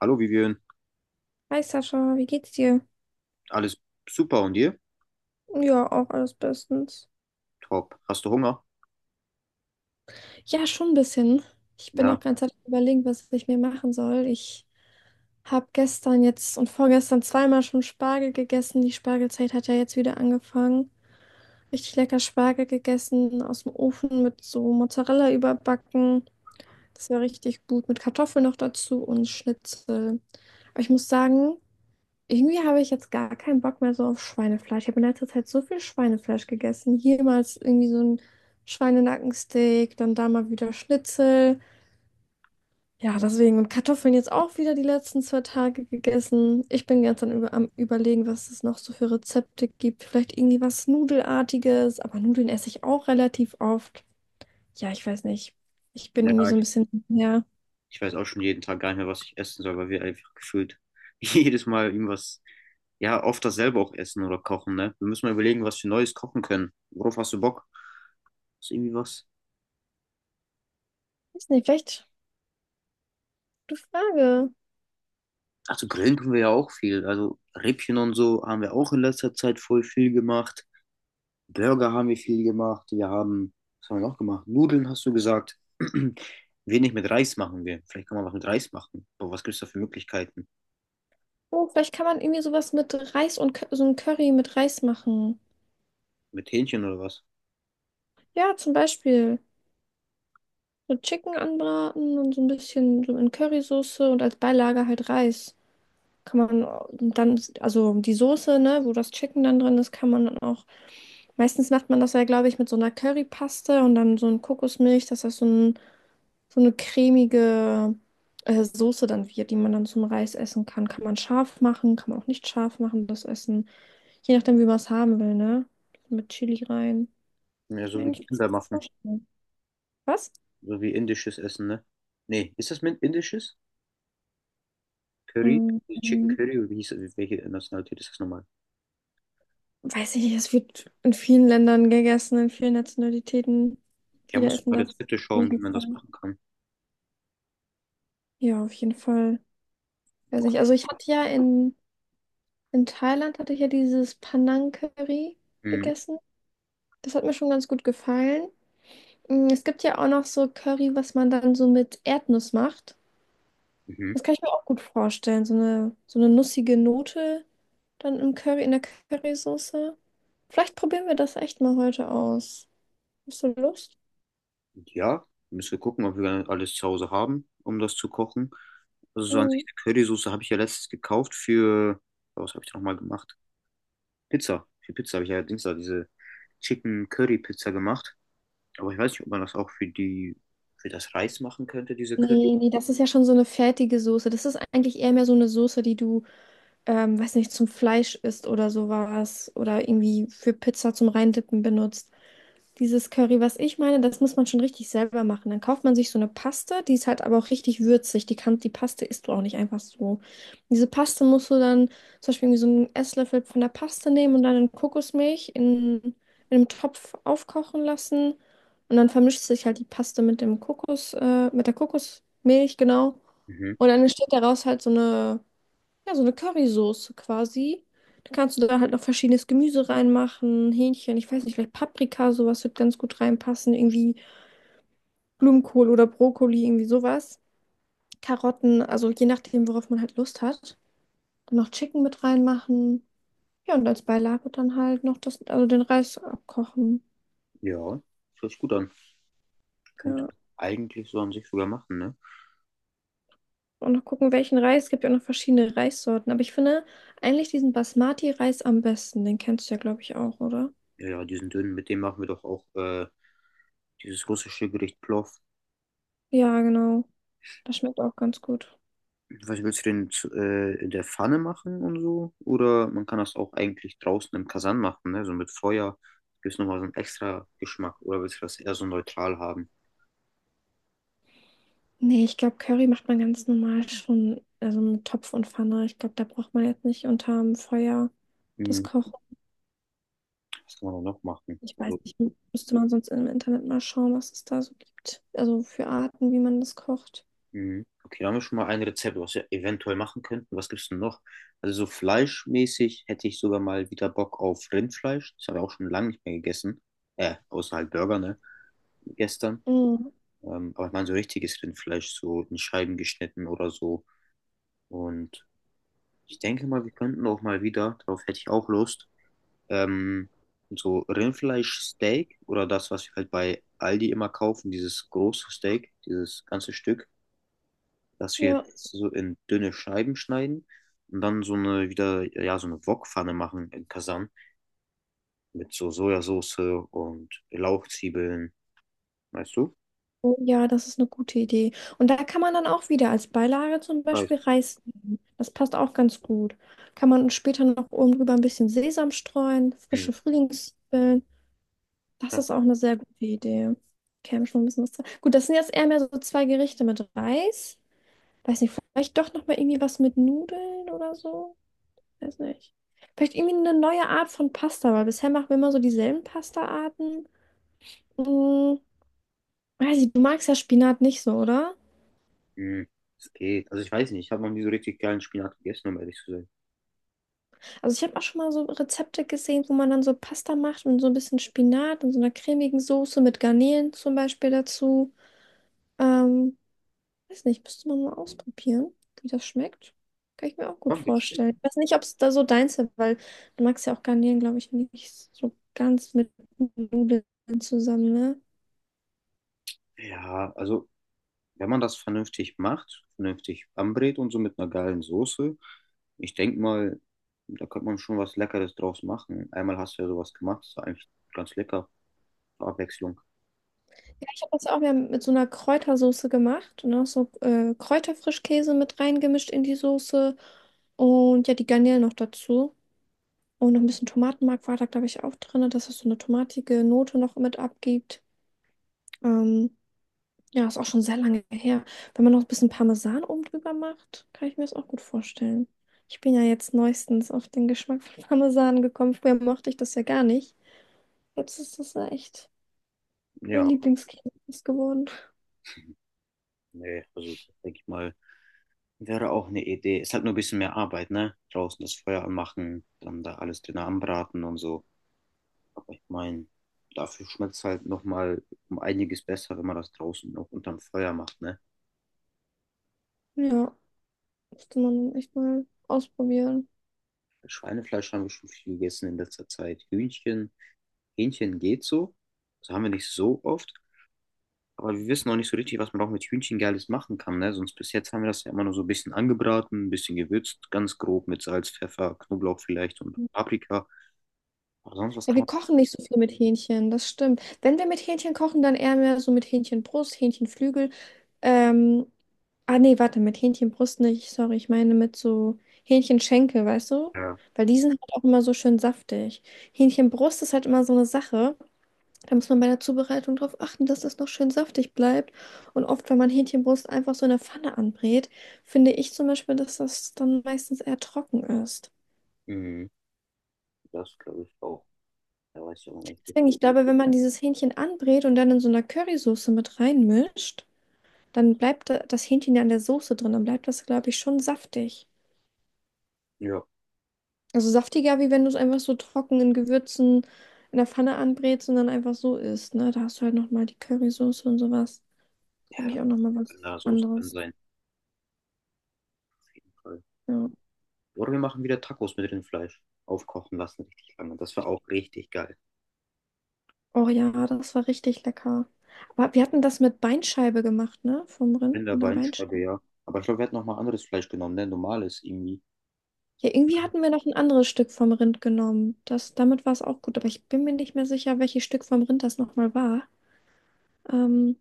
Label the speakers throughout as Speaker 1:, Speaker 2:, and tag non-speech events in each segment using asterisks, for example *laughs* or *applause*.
Speaker 1: Hallo Vivian,
Speaker 2: Hi Sascha, wie geht's dir?
Speaker 1: alles super und dir?
Speaker 2: Ja, auch alles bestens.
Speaker 1: Top. Hast du Hunger?
Speaker 2: Ja, schon ein bisschen. Ich bin auch
Speaker 1: Ja,
Speaker 2: ganz am überlegen, was ich mir machen soll. Ich habe gestern jetzt und vorgestern zweimal schon Spargel gegessen. Die Spargelzeit hat ja jetzt wieder angefangen. Richtig lecker Spargel gegessen, aus dem Ofen mit so Mozzarella überbacken. Das war richtig gut, mit Kartoffeln noch dazu und Schnitzel. Aber ich muss sagen, irgendwie habe ich jetzt gar keinen Bock mehr so auf Schweinefleisch. Ich habe in letzter Zeit so viel Schweinefleisch gegessen. Hier mal ist irgendwie so ein Schweinenackensteak, dann da mal wieder Schnitzel. Ja, deswegen. Und Kartoffeln jetzt auch wieder die letzten zwei Tage gegessen. Ich bin ganz dann Über am Überlegen, was es noch so für Rezepte gibt. Vielleicht irgendwie was Nudelartiges, aber Nudeln esse ich auch relativ oft. Ja, ich weiß nicht. Ich bin
Speaker 1: ja,
Speaker 2: irgendwie so ein
Speaker 1: ich,
Speaker 2: bisschen, ja,
Speaker 1: ich weiß auch schon jeden Tag gar nicht mehr, was ich essen soll, weil wir einfach gefühlt *laughs* jedes Mal irgendwas, ja, oft dasselbe auch essen oder kochen, ne? Wir müssen mal überlegen, was wir Neues kochen können. Worauf hast du Bock? Ist irgendwie was?
Speaker 2: weiß nicht, vielleicht gute Frage.
Speaker 1: Also grillen können wir ja auch viel. Also Rippchen und so haben wir auch in letzter Zeit voll viel gemacht. Burger haben wir viel gemacht. Wir haben, was haben wir noch gemacht? Nudeln hast du gesagt. *clears throat* Wenig mit Reis machen wir. Vielleicht kann man was mit Reis machen. Aber was gibt es da für Möglichkeiten?
Speaker 2: Oh, vielleicht kann man irgendwie sowas mit Reis und so ein Curry mit Reis machen.
Speaker 1: Mit Hähnchen oder was?
Speaker 2: Ja, zum Beispiel so Chicken anbraten und so ein bisschen so in Currysoße und als Beilage halt Reis. Kann man dann, also die Soße, ne, wo das Chicken dann drin ist, kann man dann auch. Meistens macht man das ja, glaube ich, mit so einer Currypaste und dann so ein Kokosmilch, dass das so ein, so eine cremige Soße dann wird, die man dann zum Reis essen kann. Kann man scharf machen, kann man auch nicht scharf machen, das Essen. Je nachdem, wie man es haben will, ne? Mit Chili rein.
Speaker 1: Ja,
Speaker 2: Ich mir
Speaker 1: so wie die
Speaker 2: eigentlich ganz
Speaker 1: Inder
Speaker 2: gut
Speaker 1: machen.
Speaker 2: vorstellen. Was?
Speaker 1: So wie indisches Essen, ne? Nee, ist das mit indisches? Curry?
Speaker 2: Mm,
Speaker 1: Nee, Chicken Curry? Oder wie hieß, welche Nationalität ist das nochmal?
Speaker 2: weiß ich nicht, es wird in vielen Ländern gegessen, in vielen Nationalitäten.
Speaker 1: Ja,
Speaker 2: Viele
Speaker 1: musst du
Speaker 2: essen
Speaker 1: mal
Speaker 2: das,
Speaker 1: Rezepte
Speaker 2: kann
Speaker 1: schauen,
Speaker 2: ich
Speaker 1: wie
Speaker 2: nicht
Speaker 1: man das
Speaker 2: sagen.
Speaker 1: machen kann.
Speaker 2: Ja, auf jeden Fall. Weiß nicht. Also ich hatte ja in Thailand hatte ich ja dieses Panang Curry
Speaker 1: Mhm.
Speaker 2: gegessen. Das hat mir schon ganz gut gefallen. Mm, es gibt ja auch noch so Curry, was man dann so mit Erdnuss macht.
Speaker 1: Mhm.
Speaker 2: Das kann ich mir auch gut vorstellen. So eine nussige Note dann im Curry, in der Currysoße. Vielleicht probieren wir das echt mal heute aus. Hast du Lust?
Speaker 1: Ja, müssen wir gucken, ob wir alles zu Hause haben, um das zu kochen. Also so an sich
Speaker 2: Mhm.
Speaker 1: eine Currysoße habe ich ja letztens gekauft für, was habe ich da nochmal gemacht? Pizza. Für Pizza habe ich ja Dienstag diese Chicken Curry Pizza gemacht. Aber ich weiß nicht, ob man das auch für die, für das Reis machen könnte, diese Curry.
Speaker 2: Nee, nee, das ist ja schon so eine fertige Soße. Das ist eigentlich eher mehr so eine Soße, die du, weiß nicht, zum Fleisch isst oder sowas. Oder irgendwie für Pizza zum Reindippen benutzt. Dieses Curry, was ich meine, das muss man schon richtig selber machen. Dann kauft man sich so eine Paste, die ist halt aber auch richtig würzig. Die kann, die Paste isst du auch nicht einfach so. Diese Paste musst du dann zum Beispiel irgendwie so einen Esslöffel von der Paste nehmen und dann in Kokosmilch in einem Topf aufkochen lassen. Und dann vermischt sich halt die Paste mit dem mit der Kokosmilch, genau.
Speaker 1: Mhm.
Speaker 2: Und dann entsteht daraus halt so eine ja, so eine Currysoße quasi. Da kannst du da halt noch verschiedenes Gemüse reinmachen, Hähnchen, ich weiß nicht, vielleicht Paprika, sowas wird ganz gut reinpassen, irgendwie Blumenkohl oder Brokkoli, irgendwie sowas. Karotten, also je nachdem, worauf man halt Lust hat. Und noch Chicken mit reinmachen. Ja, und als Beilage dann halt noch das, also den Reis abkochen.
Speaker 1: Ja, hört sich gut an. Könnte
Speaker 2: Ja.
Speaker 1: eigentlich so an sich sogar machen, ne?
Speaker 2: Und noch gucken, welchen Reis. Es gibt ja auch noch verschiedene Reissorten. Aber ich finde eigentlich diesen Basmati-Reis am besten. Den kennst du ja, glaube ich, auch, oder?
Speaker 1: Ja, diesen dünnen, mit dem machen wir doch auch dieses russische Gericht Plov.
Speaker 2: Ja, genau. Das schmeckt auch ganz gut.
Speaker 1: Was willst du denn zu, in der Pfanne machen und so? Oder man kann das auch eigentlich draußen im Kasan machen, ne? So mit Feuer. Gibt es nochmal so einen extra Geschmack? Oder willst du das eher so neutral haben?
Speaker 2: Nee, ich glaube, Curry macht man ganz normal schon, also mit Topf und Pfanne. Ich glaube, da braucht man jetzt nicht unterm Feuer das
Speaker 1: Hm,
Speaker 2: Kochen.
Speaker 1: was kann man da noch machen?
Speaker 2: Ich weiß
Speaker 1: Also,
Speaker 2: nicht, müsste man sonst im Internet mal schauen, was es da so gibt. Also für Arten, wie man das kocht.
Speaker 1: hm, okay, da haben wir schon mal ein Rezept, was wir eventuell machen könnten. Was gibt's denn noch? Also so fleischmäßig hätte ich sogar mal wieder Bock auf Rindfleisch. Das habe ich auch schon lange nicht mehr gegessen. Außer halt Burger, ne? Gestern.
Speaker 2: Mhm.
Speaker 1: Aber ich meine so richtiges Rindfleisch, so in Scheiben geschnitten oder so. Und ich denke mal, wir könnten auch mal wieder, darauf hätte ich auch Lust, ähm, so Rindfleischsteak oder das, was wir halt bei Aldi immer kaufen, dieses große Steak, dieses ganze Stück, dass wir
Speaker 2: Ja.
Speaker 1: so in dünne Scheiben schneiden und dann so eine wieder, ja, so eine Wokpfanne machen in Kasan mit so Sojasauce und Lauchzwiebeln, weißt du?
Speaker 2: Oh ja, das ist eine gute Idee. Und da kann man dann auch wieder als Beilage zum Beispiel
Speaker 1: Weiß.
Speaker 2: Reis nehmen. Das passt auch ganz gut. Kann man später noch oben drüber ein bisschen Sesam streuen,
Speaker 1: Hm.
Speaker 2: frische Frühlingszwiebeln. Das
Speaker 1: Ja.
Speaker 2: ist auch eine sehr gute Idee. Käme schon ein bisschen was dran. Gut, das sind jetzt eher mehr so zwei Gerichte mit Reis. Weiß nicht, vielleicht doch nochmal irgendwie was mit Nudeln oder so. Weiß nicht. Vielleicht irgendwie eine neue Art von Pasta, weil bisher machen wir immer so dieselben Pasta-Arten. Hm, weiß ich, du magst ja Spinat nicht so, oder?
Speaker 1: Hm. Es geht. Also ich weiß nicht, ich habe noch nie so richtig geilen Spinat gegessen, um ehrlich zu sein.
Speaker 2: Also ich habe auch schon mal so Rezepte gesehen, wo man dann so Pasta macht und so ein bisschen Spinat und so einer cremigen Soße mit Garnelen zum Beispiel dazu. Ähm, Weiß nicht, müsste man mal ausprobieren, wie das schmeckt. Kann ich mir auch gut
Speaker 1: Komm, bitte.
Speaker 2: vorstellen. Ich weiß nicht, ob es da so deins ist, weil du magst ja auch Garnelen, glaube ich, nicht so ganz mit Nudeln zusammen, ne?
Speaker 1: Ja, also wenn man das vernünftig macht, vernünftig anbrät und so mit einer geilen Soße, ich denke mal, da könnte man schon was Leckeres draus machen. Einmal hast du ja sowas gemacht, ist eigentlich ganz lecker, zur Abwechslung.
Speaker 2: Ja, ich habe das ja auch wieder mit so einer Kräutersoße gemacht und auch so Kräuterfrischkäse mit reingemischt in die Soße und ja, die Garnelen noch dazu. Und noch ein bisschen Tomatenmark war da, glaube ich, auch drin, dass es so eine tomatige Note noch mit abgibt. Ähm, Ja, ist auch schon sehr lange her. Wenn man noch ein bisschen Parmesan oben drüber macht, kann ich mir das auch gut vorstellen. Ich bin ja jetzt neuestens auf den Geschmack von *laughs* Parmesan gekommen. Früher mochte ich das ja gar nicht. Jetzt ist das ja echt mein
Speaker 1: Ja,
Speaker 2: Lieblingskäse geworden.
Speaker 1: nee, also denke ich mal, wäre auch eine Idee. Ist halt nur ein bisschen mehr Arbeit, ne? Draußen das Feuer anmachen, dann da alles drin anbraten und so. Aber ich meine, dafür schmeckt es halt nochmal um einiges besser, wenn man das draußen noch unterm Feuer macht, ne?
Speaker 2: Ja, müsste man echt mal ausprobieren.
Speaker 1: Schweinefleisch haben wir schon viel gegessen in letzter Zeit. Hühnchen. Hähnchen geht so. Das haben wir nicht so oft. Aber wir wissen auch nicht so richtig, was man auch mit Hühnchen Geiles machen kann. Ne? Sonst bis jetzt haben wir das ja immer nur so ein bisschen angebraten, ein bisschen gewürzt, ganz grob mit Salz, Pfeffer, Knoblauch vielleicht und Paprika. Aber sonst, was
Speaker 2: Ja,
Speaker 1: kann
Speaker 2: wir
Speaker 1: man.
Speaker 2: kochen nicht so viel mit Hähnchen, das stimmt. Wenn wir mit Hähnchen kochen, dann eher mehr so mit Hähnchenbrust, Hähnchenflügel. Ähm, ah nee, warte, mit Hähnchenbrust nicht, sorry, ich meine mit so Hähnchenschenkel, weißt du?
Speaker 1: Ja.
Speaker 2: Weil die sind halt auch immer so schön saftig. Hähnchenbrust ist halt immer so eine Sache. Da muss man bei der Zubereitung drauf achten, dass das noch schön saftig bleibt. Und oft, wenn man Hähnchenbrust einfach so in der Pfanne anbrät, finde ich zum Beispiel, dass das dann meistens eher trocken ist.
Speaker 1: Mhm. Das glaube ich auch. Da weiß ich auch nicht
Speaker 2: Deswegen,
Speaker 1: wirklich.
Speaker 2: ich glaube, wenn man dieses Hähnchen anbrät und dann in so einer Currysoße mit reinmischt, dann bleibt das Hähnchen ja in der Soße drin. Dann bleibt das, glaube ich, schon saftig.
Speaker 1: Ja.
Speaker 2: Also saftiger, wie wenn du es einfach so trocken in Gewürzen in der Pfanne anbrätst und dann einfach so isst, ne? Da hast du halt nochmal die Currysoße und sowas.
Speaker 1: Ja,
Speaker 2: Habe
Speaker 1: das
Speaker 2: ich auch
Speaker 1: muss
Speaker 2: nochmal was
Speaker 1: in der Soße drin
Speaker 2: anderes.
Speaker 1: sein, auf jeden Fall.
Speaker 2: Ja.
Speaker 1: Oder wir machen wieder Tacos mit Rindfleisch. Aufkochen lassen richtig lange. Das wäre auch richtig geil.
Speaker 2: Oh ja, das war richtig lecker. Aber wir hatten das mit Beinscheibe gemacht, ne? Vom Rind, mit der
Speaker 1: Rinderbein,
Speaker 2: Beinscheibe.
Speaker 1: ja. Aber ich glaube, wir hatten noch mal anderes Fleisch genommen, ne? Normales irgendwie.
Speaker 2: Ja, irgendwie hatten wir noch ein anderes Stück vom Rind genommen. Das, damit war es auch gut, aber ich bin mir nicht mehr sicher, welches Stück vom Rind das nochmal war. Ähm,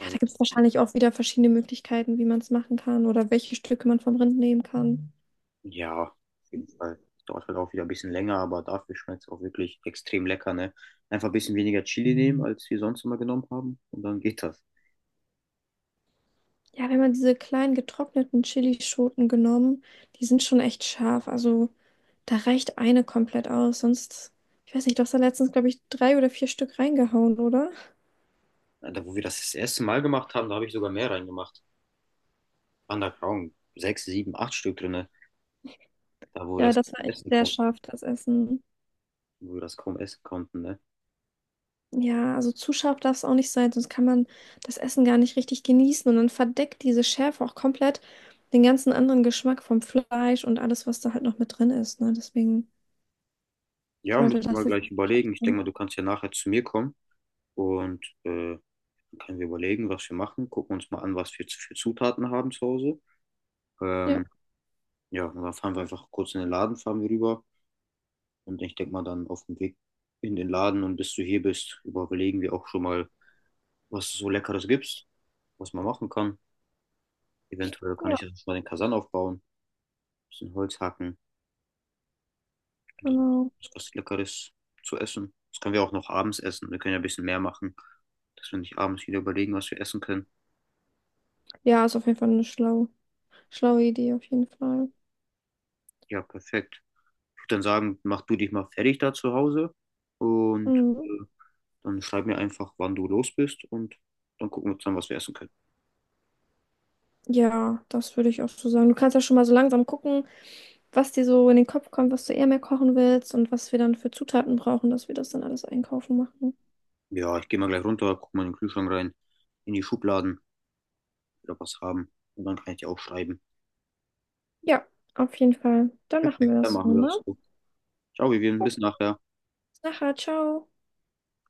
Speaker 2: ja, da gibt es wahrscheinlich auch wieder verschiedene Möglichkeiten, wie man es machen kann oder welche Stücke man vom Rind nehmen kann.
Speaker 1: Ja, auf jeden Fall. Dauert halt auch wieder ein bisschen länger, aber dafür schmeckt es auch wirklich extrem lecker, ne? Einfach ein bisschen weniger Chili nehmen, als wir sonst immer genommen haben. Und dann geht das.
Speaker 2: Ja, wir haben ja diese kleinen getrockneten Chilischoten genommen. Die sind schon echt scharf. Also da reicht eine komplett aus. Sonst, ich weiß nicht, du hast da letztens, glaube ich, drei oder vier Stück reingehauen, oder?
Speaker 1: Da, wo wir das erste Mal gemacht haben, da habe ich sogar mehr reingemacht. Underground. Sechs, sieben, acht Stück drinne. Da, wo wir
Speaker 2: Ja,
Speaker 1: das
Speaker 2: das war echt
Speaker 1: essen
Speaker 2: sehr
Speaker 1: konnten,
Speaker 2: scharf, das Essen.
Speaker 1: wo wir das kaum essen konnten, ne?
Speaker 2: Ja, also zu scharf darf es auch nicht sein, sonst kann man das Essen gar nicht richtig genießen und dann verdeckt diese Schärfe auch komplett den ganzen anderen Geschmack vom Fleisch und alles, was da halt noch mit drin ist, ne? Deswegen
Speaker 1: Ja,
Speaker 2: sollte
Speaker 1: müssen wir mal
Speaker 2: das jetzt
Speaker 1: gleich
Speaker 2: nicht zu scharf
Speaker 1: überlegen. Ich
Speaker 2: sein.
Speaker 1: denke mal, du kannst ja nachher zu mir kommen und dann können wir überlegen, was wir machen. Gucken uns mal an, was wir für Zutaten haben zu Hause.
Speaker 2: Ja,
Speaker 1: Ähm, ja, und dann fahren wir einfach kurz in den Laden, fahren wir rüber. Und ich denke mal dann auf dem Weg in den Laden und bis du hier bist, überlegen wir auch schon mal, was es so Leckeres gibt, was man machen kann. Eventuell kann
Speaker 2: ja,
Speaker 1: ich jetzt schon mal den Kasan aufbauen, ein bisschen Holz hacken und dann
Speaker 2: genau.
Speaker 1: was Leckeres zu essen. Das können wir auch noch abends essen. Wir können ja ein bisschen mehr machen, dass wir nicht abends wieder überlegen, was wir essen können.
Speaker 2: Ja, ist auf jeden Fall eine schlaue Idee, auf jeden Fall.
Speaker 1: Ja, perfekt. Ich würde dann sagen, mach du dich mal fertig da zu Hause und äh,
Speaker 2: Mhm.
Speaker 1: dann schreib mir einfach, wann du los bist und dann gucken wir zusammen, was wir essen können.
Speaker 2: Ja, das würde ich auch so sagen. Du kannst ja schon mal so langsam gucken, was dir so in den Kopf kommt, was du eher mehr kochen willst und was wir dann für Zutaten brauchen, dass wir das dann alles einkaufen machen.
Speaker 1: Ja, ich gehe mal gleich runter, guck mal in den Kühlschrank rein, in die Schubladen, wieder was haben. Und dann kann ich dir auch schreiben.
Speaker 2: Ja, auf jeden Fall. Dann machen wir
Speaker 1: Dann
Speaker 2: das
Speaker 1: machen
Speaker 2: so,
Speaker 1: wir
Speaker 2: ne?
Speaker 1: das so. Ciao, Vivian,
Speaker 2: Oh,
Speaker 1: bis nachher.
Speaker 2: nachher, ciao.